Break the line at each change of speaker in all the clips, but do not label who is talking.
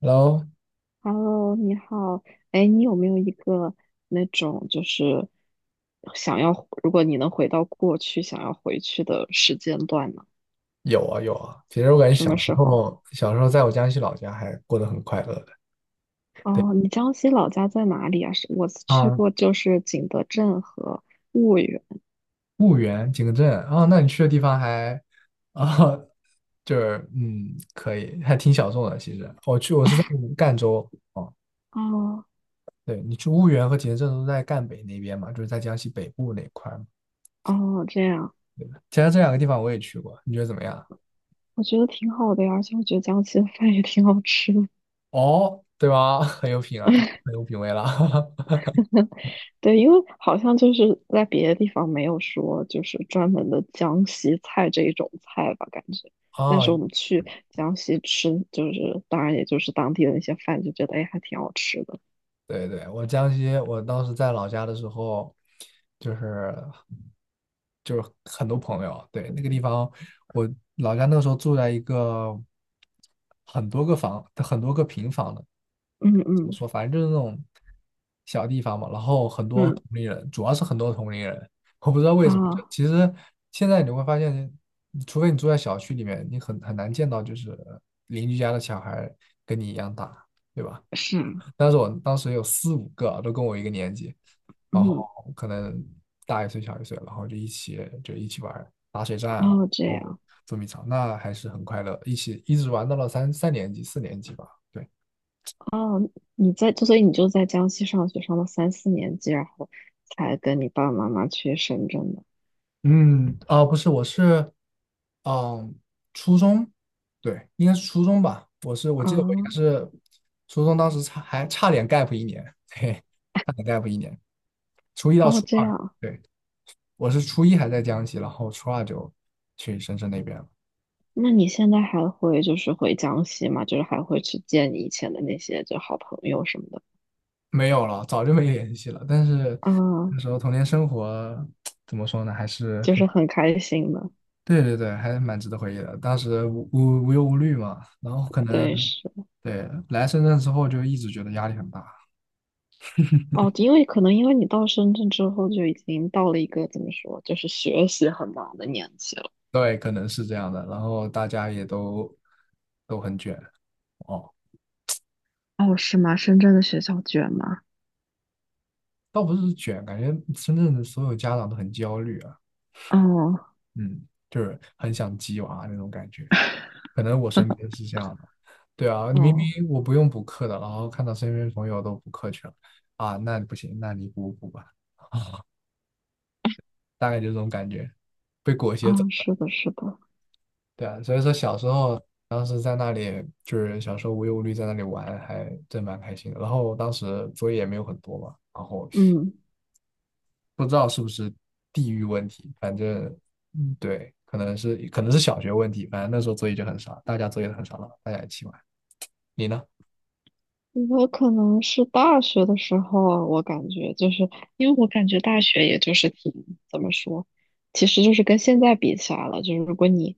然后
Hello，你好，哎，你有没有一个那种就是想要，如果你能回到过去，想要回去的时间段呢？
有啊有啊，其实我感觉
什
小
么
时
时候？
候小时候在我江西老家还过得很快乐的
哦，你江西老家在哪里啊？是我去
啊，
过，就是景德镇和婺源。
婺源、景德镇啊，那你去的地方还啊，就是可以，还挺小众的。其实我去我是在赣州哦，
哦
对你去婺源和景德镇都在赣北那边嘛，就是在江西北部那块儿嘛。
哦，这样。
其实这两个地方我也去过，你觉得怎么样？
我觉得挺好的呀，而且我觉得江西的饭也挺好吃的。
哦，对吧？很有品啊，很有品味了。
对，因为好像就是在别的地方没有说就是专门的江西菜这一种菜吧，感觉。但
哦，
是我们去江西吃，就是当然也就是当地的那些饭，就觉得哎还挺好吃的。
对对，我江西，我当时在老家的时候，就是就是很多朋友，对，那个地方，我老家那个时候住在一个很多个房，很多个平房的，
嗯
怎么
嗯。
说，反正就是那种小地方嘛。然后很多
嗯。
同龄人，主要是很多同龄人，我不知道为什么。就
啊。
其实现在你会发现，除非你住在小区里面，你很难见到就是邻居家的小孩跟你一样大，对吧？
是。
但是我当时有四五个都跟我一个年级，然后
嗯。
可能大一岁小一岁，然后就一起玩儿打水战啊，然
哦，这
后
样。
捉迷藏，那还是很快乐，一起一直玩到了三年级四年级吧。对，
哦。所以你就在江西上学上了三四年级，然后才跟你爸爸妈妈去深圳的。
嗯，啊，不是，我是嗯初中，对，应该是初中吧。我是我
啊。
记得我应该是初中，当时还差点 gap 一年，嘿，差点 gap 一年，初一到
哦，
初
这
二，
样。
对，我是初一还在江西，然后初二就去深圳那边了。
那你现在还会就是回江西吗？就是还会去见你以前的那些就好朋友什么的。
没有了，早就没联系了。但是
啊，
那时候童年生活怎么说呢，还是
就
非
是
常，
很开心的。
对对对，还是蛮值得回忆的。当时无忧无虑嘛，然后可能
对，是。
对来深圳之后就一直觉得压力很大，
哦，因为可能因为你到深圳之后就已经到了一个怎么说，就是学习很忙的年纪了。
对，可能是这样的。然后大家也都很卷哦，
哦，是吗？深圳的学校卷吗？
倒不是卷，感觉深圳的所有家长都很焦虑啊，
哦
嗯，就是很想鸡娃那种感觉。可能我身边是这样的，对啊，你明
哦
明我不用补课的，然后看到身边朋友都补课去了，啊，那不行，那你补补吧，大概就这种感觉，被裹
哦，
挟走的，
是的，是的。
对啊，所以说小时候当时在那里就是小时候无忧无虑在那里玩，还真蛮开心的。然后当时作业也没有很多嘛，然后
嗯。
不知道是不是地域问题，反正嗯对，可能是小学问题，反正那时候作业就很少，大家作业都很少了，大家一起玩，你呢？
我可能是大学的时候啊，我感觉就是因为我感觉大学也就是挺怎么说，其实就是跟现在比起来了，就是如果你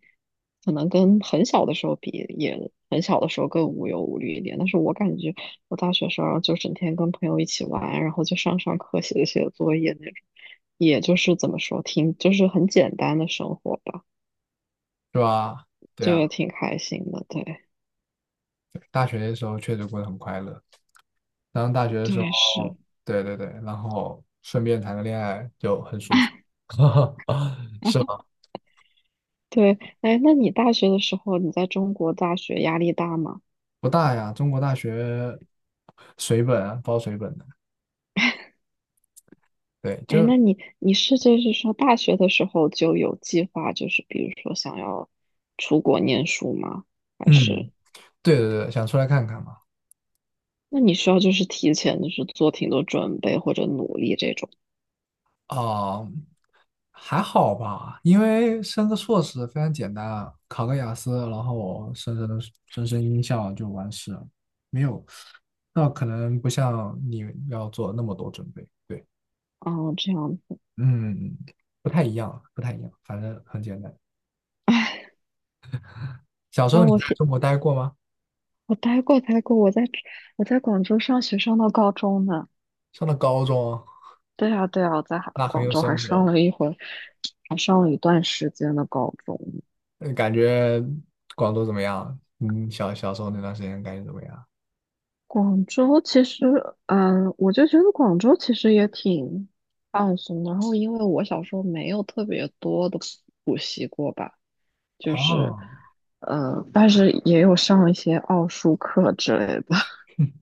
可能跟很小的时候比，也很小的时候更无忧无虑一点。但是我感觉我大学时候就整天跟朋友一起玩，然后就上上课、写写作业那种，也就是怎么说，挺就是很简单的生活吧，
是吧？对
就也
啊。
挺开心的。对，
大学的时候确实过得很快乐，然后大学的时
对，是。
候，对对对，然后顺便谈个恋爱就很舒服，是吗？
对，哎，那你大学的时候，你在中国大学压力大吗？
不大呀，中国大学水本啊，包水本的，对，
哎，
就
那你是就是说大学的时候就有计划，就是比如说想要出国念书吗？还
嗯，
是
对对对，想出来看看嘛，
那你需要就是提前就是做挺多准备或者努力这种？
啊、还好吧，因为升个硕士非常简单啊，考个雅思，然后升音效就完事了，没有，那可能不像你要做那么多准备，对。
哦，这样子。
嗯，不太一样，不太一样，反正很简单。
哎，
小时候
那
你在
我天，
中国待过吗？
我待过待过，我在广州上学上到高中呢。
上了高中，
对啊对啊，我在哈
那很
广
有
州还
生活
上
了。
了一回，还上了一段时间的高中。
那你感觉广州怎么样？嗯，小时候那段时间感觉怎么样？
广州其实，嗯，我就觉得广州其实也挺放松的。然后，因为我小时候没有特别多的补习过吧，就是，
哦，
但是也有上一些奥数课之类的。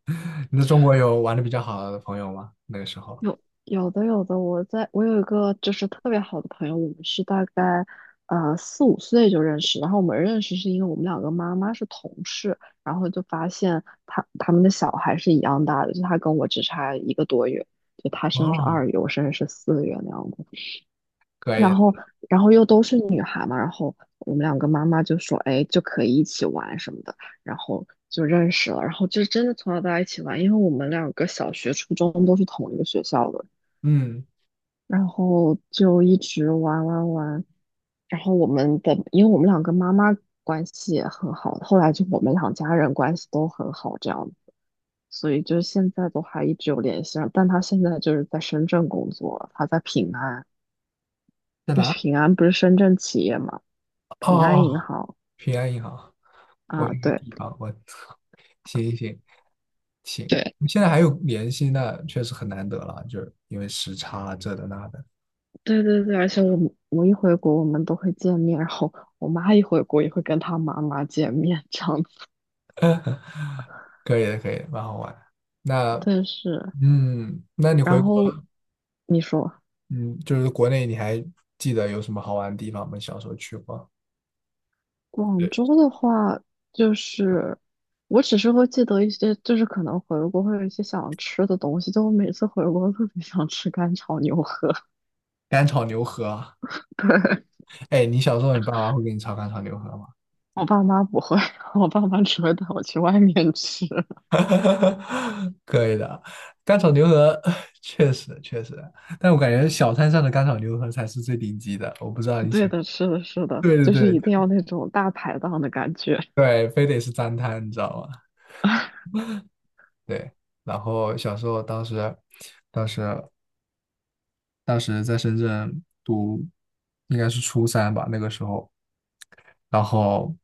你在中国有玩的比较好的朋友吗？那个时候？
有有的有的，我有一个就是特别好的朋友，我们是大概4、5岁就认识，然后我们认识是因为我们两个妈妈是同事，然后就发现他们的小孩是一样大的，就他跟我只差一个多月，就他生日是
哦，
2月，我生日是4月那样子，
可以的
然后然后又都是女孩嘛，然后我们两个妈妈就说，哎，就可以一起玩什么的，然后就认识了，然后就真的从小到大一起玩，因为我们两个小学、初中都是同一个学校的。
嗯，
然后就一直玩玩玩，然后我们的，因为我们两个妈妈关系也很好，后来就我们两家人关系都很好，这样子，所以就现在都还一直有联系上但他现在就是在深圳工作了，他在平安，
在
就是
哪？
平安不是深圳企业嘛，
哦哦，
平安
哦
银行
平安银行，我
啊，
有一个
对
地方，我 操，行行行，
对
你现在还有联系，那确实很难得了，就是因为时差啊这的那的。
对对对，而且我一回国我们都会见面，然后我妈一回国也会跟她妈妈见面，这样子，
可以的，可以的蛮好玩的。那，
但是
那你回
然
国，
后你说。
嗯，就是国内，你还记得有什么好玩的地方吗？小时候去过？
广
对，
州的话，就是我只是会记得一些，就是可能回国会有一些想吃的东西，就我每次回国都特别想吃干炒牛河。
干炒牛河啊。
对，
哎，你小时候你爸妈会给你炒干炒牛河吗？
我爸妈不会，我爸妈只会带我去外面吃。
可以的，干炒牛河 确实确实，但我感觉小摊上的干炒牛河才是最顶级的。我不知道 你喜
对
欢，
的，是的，是 的，
对对
就是一
对
定要那种大排档的感觉。
对，非得是脏摊，你知道吗？对。然后小时候当时当时在深圳读，应该是初三吧，那个时候，然后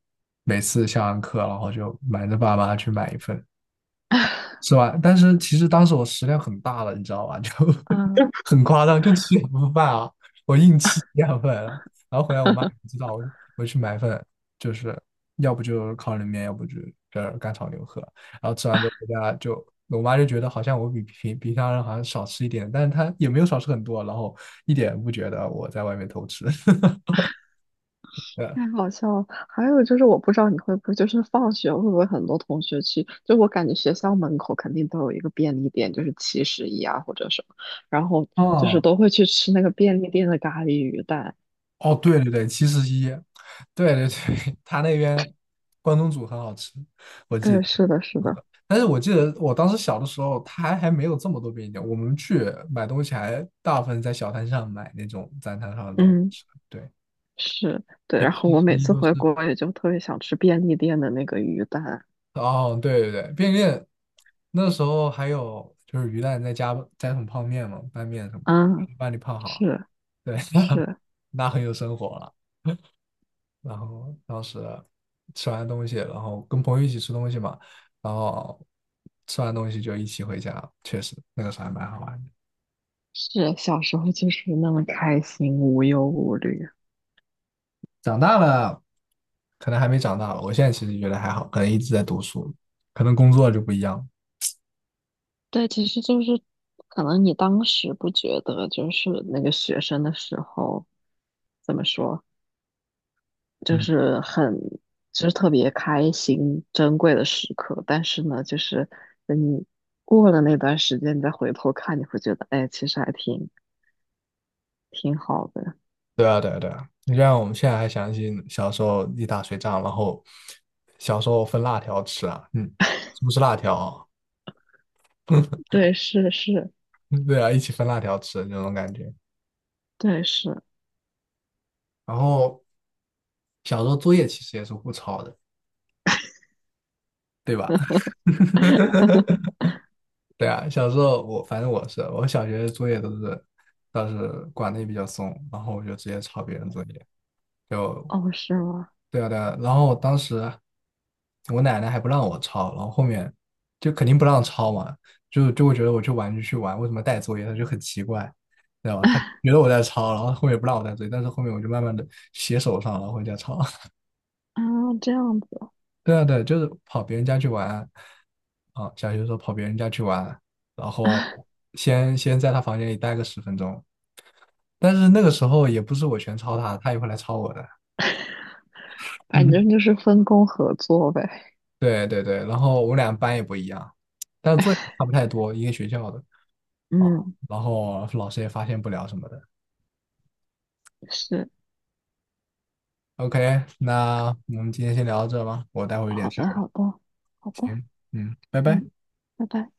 每次下完课，然后就瞒着爸妈去买一份，是吧？但是其实当时我食量很大了，你知道吧？就
啊。
很夸张，就吃2份饭啊，我硬吃两份啊然后回来我妈也不知道，我去买份，就是要不就烤冷面，要不就这干炒牛河，然后吃完之后回家就。我妈就觉得好像我比平常人好像少吃一点，但是她也没有少吃很多，然后一点不觉得我在外面偷吃。对，
太好笑了！还有就是，我不知道你会不会，就是放学会不会很多同学去？就我感觉学校门口肯定都有一个便利店，就是七十一啊或者什么，然后就是
哦
都会去吃那个便利店的咖喱鱼蛋。
哦，对对对，7-Eleven，对对对，他那边关东煮很好吃，我记
对，
得。
是的，是的，
但是我记得我当时小的时候，它还没有这么多便利店，我们去买东西还大部分在小摊上买那种在摊上的东西
嗯，
吃。对，
是，对。
这
然后
其
我
实
每
一
次
旧是
回国也就特别想吃便利店的那个鱼蛋。
哦，对对对，便利店那时候还有就是鱼蛋再加桶泡面嘛，拌面什么的，
嗯，
把你泡好。
是
对，
是
那很有生活了。然后当时吃完东西，然后跟朋友一起吃东西嘛，然后吃完东西就一起回家，确实那个时候还蛮好玩的。
是，小时候就是那么开心，无忧无虑。
长大了，可能还没长大吧我现在其实觉得还好，可能一直在读书，可能工作就不一样了
对，其实就是可能你当时不觉得，就是那个学生的时候，怎么说，就
嗯，
是很，就是特别开心、珍贵的时刻。但是呢，就是等你过了那段时间，你再回头看，你会觉得，哎，其实还挺好的。
对啊，对啊，对啊。你就像我们现在还想起小时候一打水仗，然后小时候分辣条吃啊，嗯，是不是辣条啊
对，是是，
嗯 对啊，一起分辣条吃那种感觉。
对是。
然后小时候作业其实也是互抄的，对吧？对啊，小时候反正我小学的作业都是倒是管的也比较松，然后我就直接抄别人作业，就
哦，是吗？
对啊对啊。然后当时我奶奶还不让我抄，然后后面就肯定不让抄嘛，就会觉得我去玩就去玩，为什么带作业？她就很奇怪，知道吧？她觉得我在抄，然后后面不让我带作业，但是后面我就慢慢的写手上，然后回家抄。
啊，这样子，
对啊对啊，就是跑别人家去玩。啊，小学的时候跑别人家去玩，然后先在他房间里待个10分钟，但是那个时候也不是我全抄他，他也会来抄我的。
反
嗯。
正就是分工合作呗。
对对对，然后我们俩班也不一样，但是作业差不太多，一个学校的啊，
嗯，
然后老师也发现不了什么的。
是，
OK，那我们今天先聊到这吧，我待会儿有点
好
事
的，
儿。
好的，好的，
行，嗯，拜拜。
嗯，拜拜。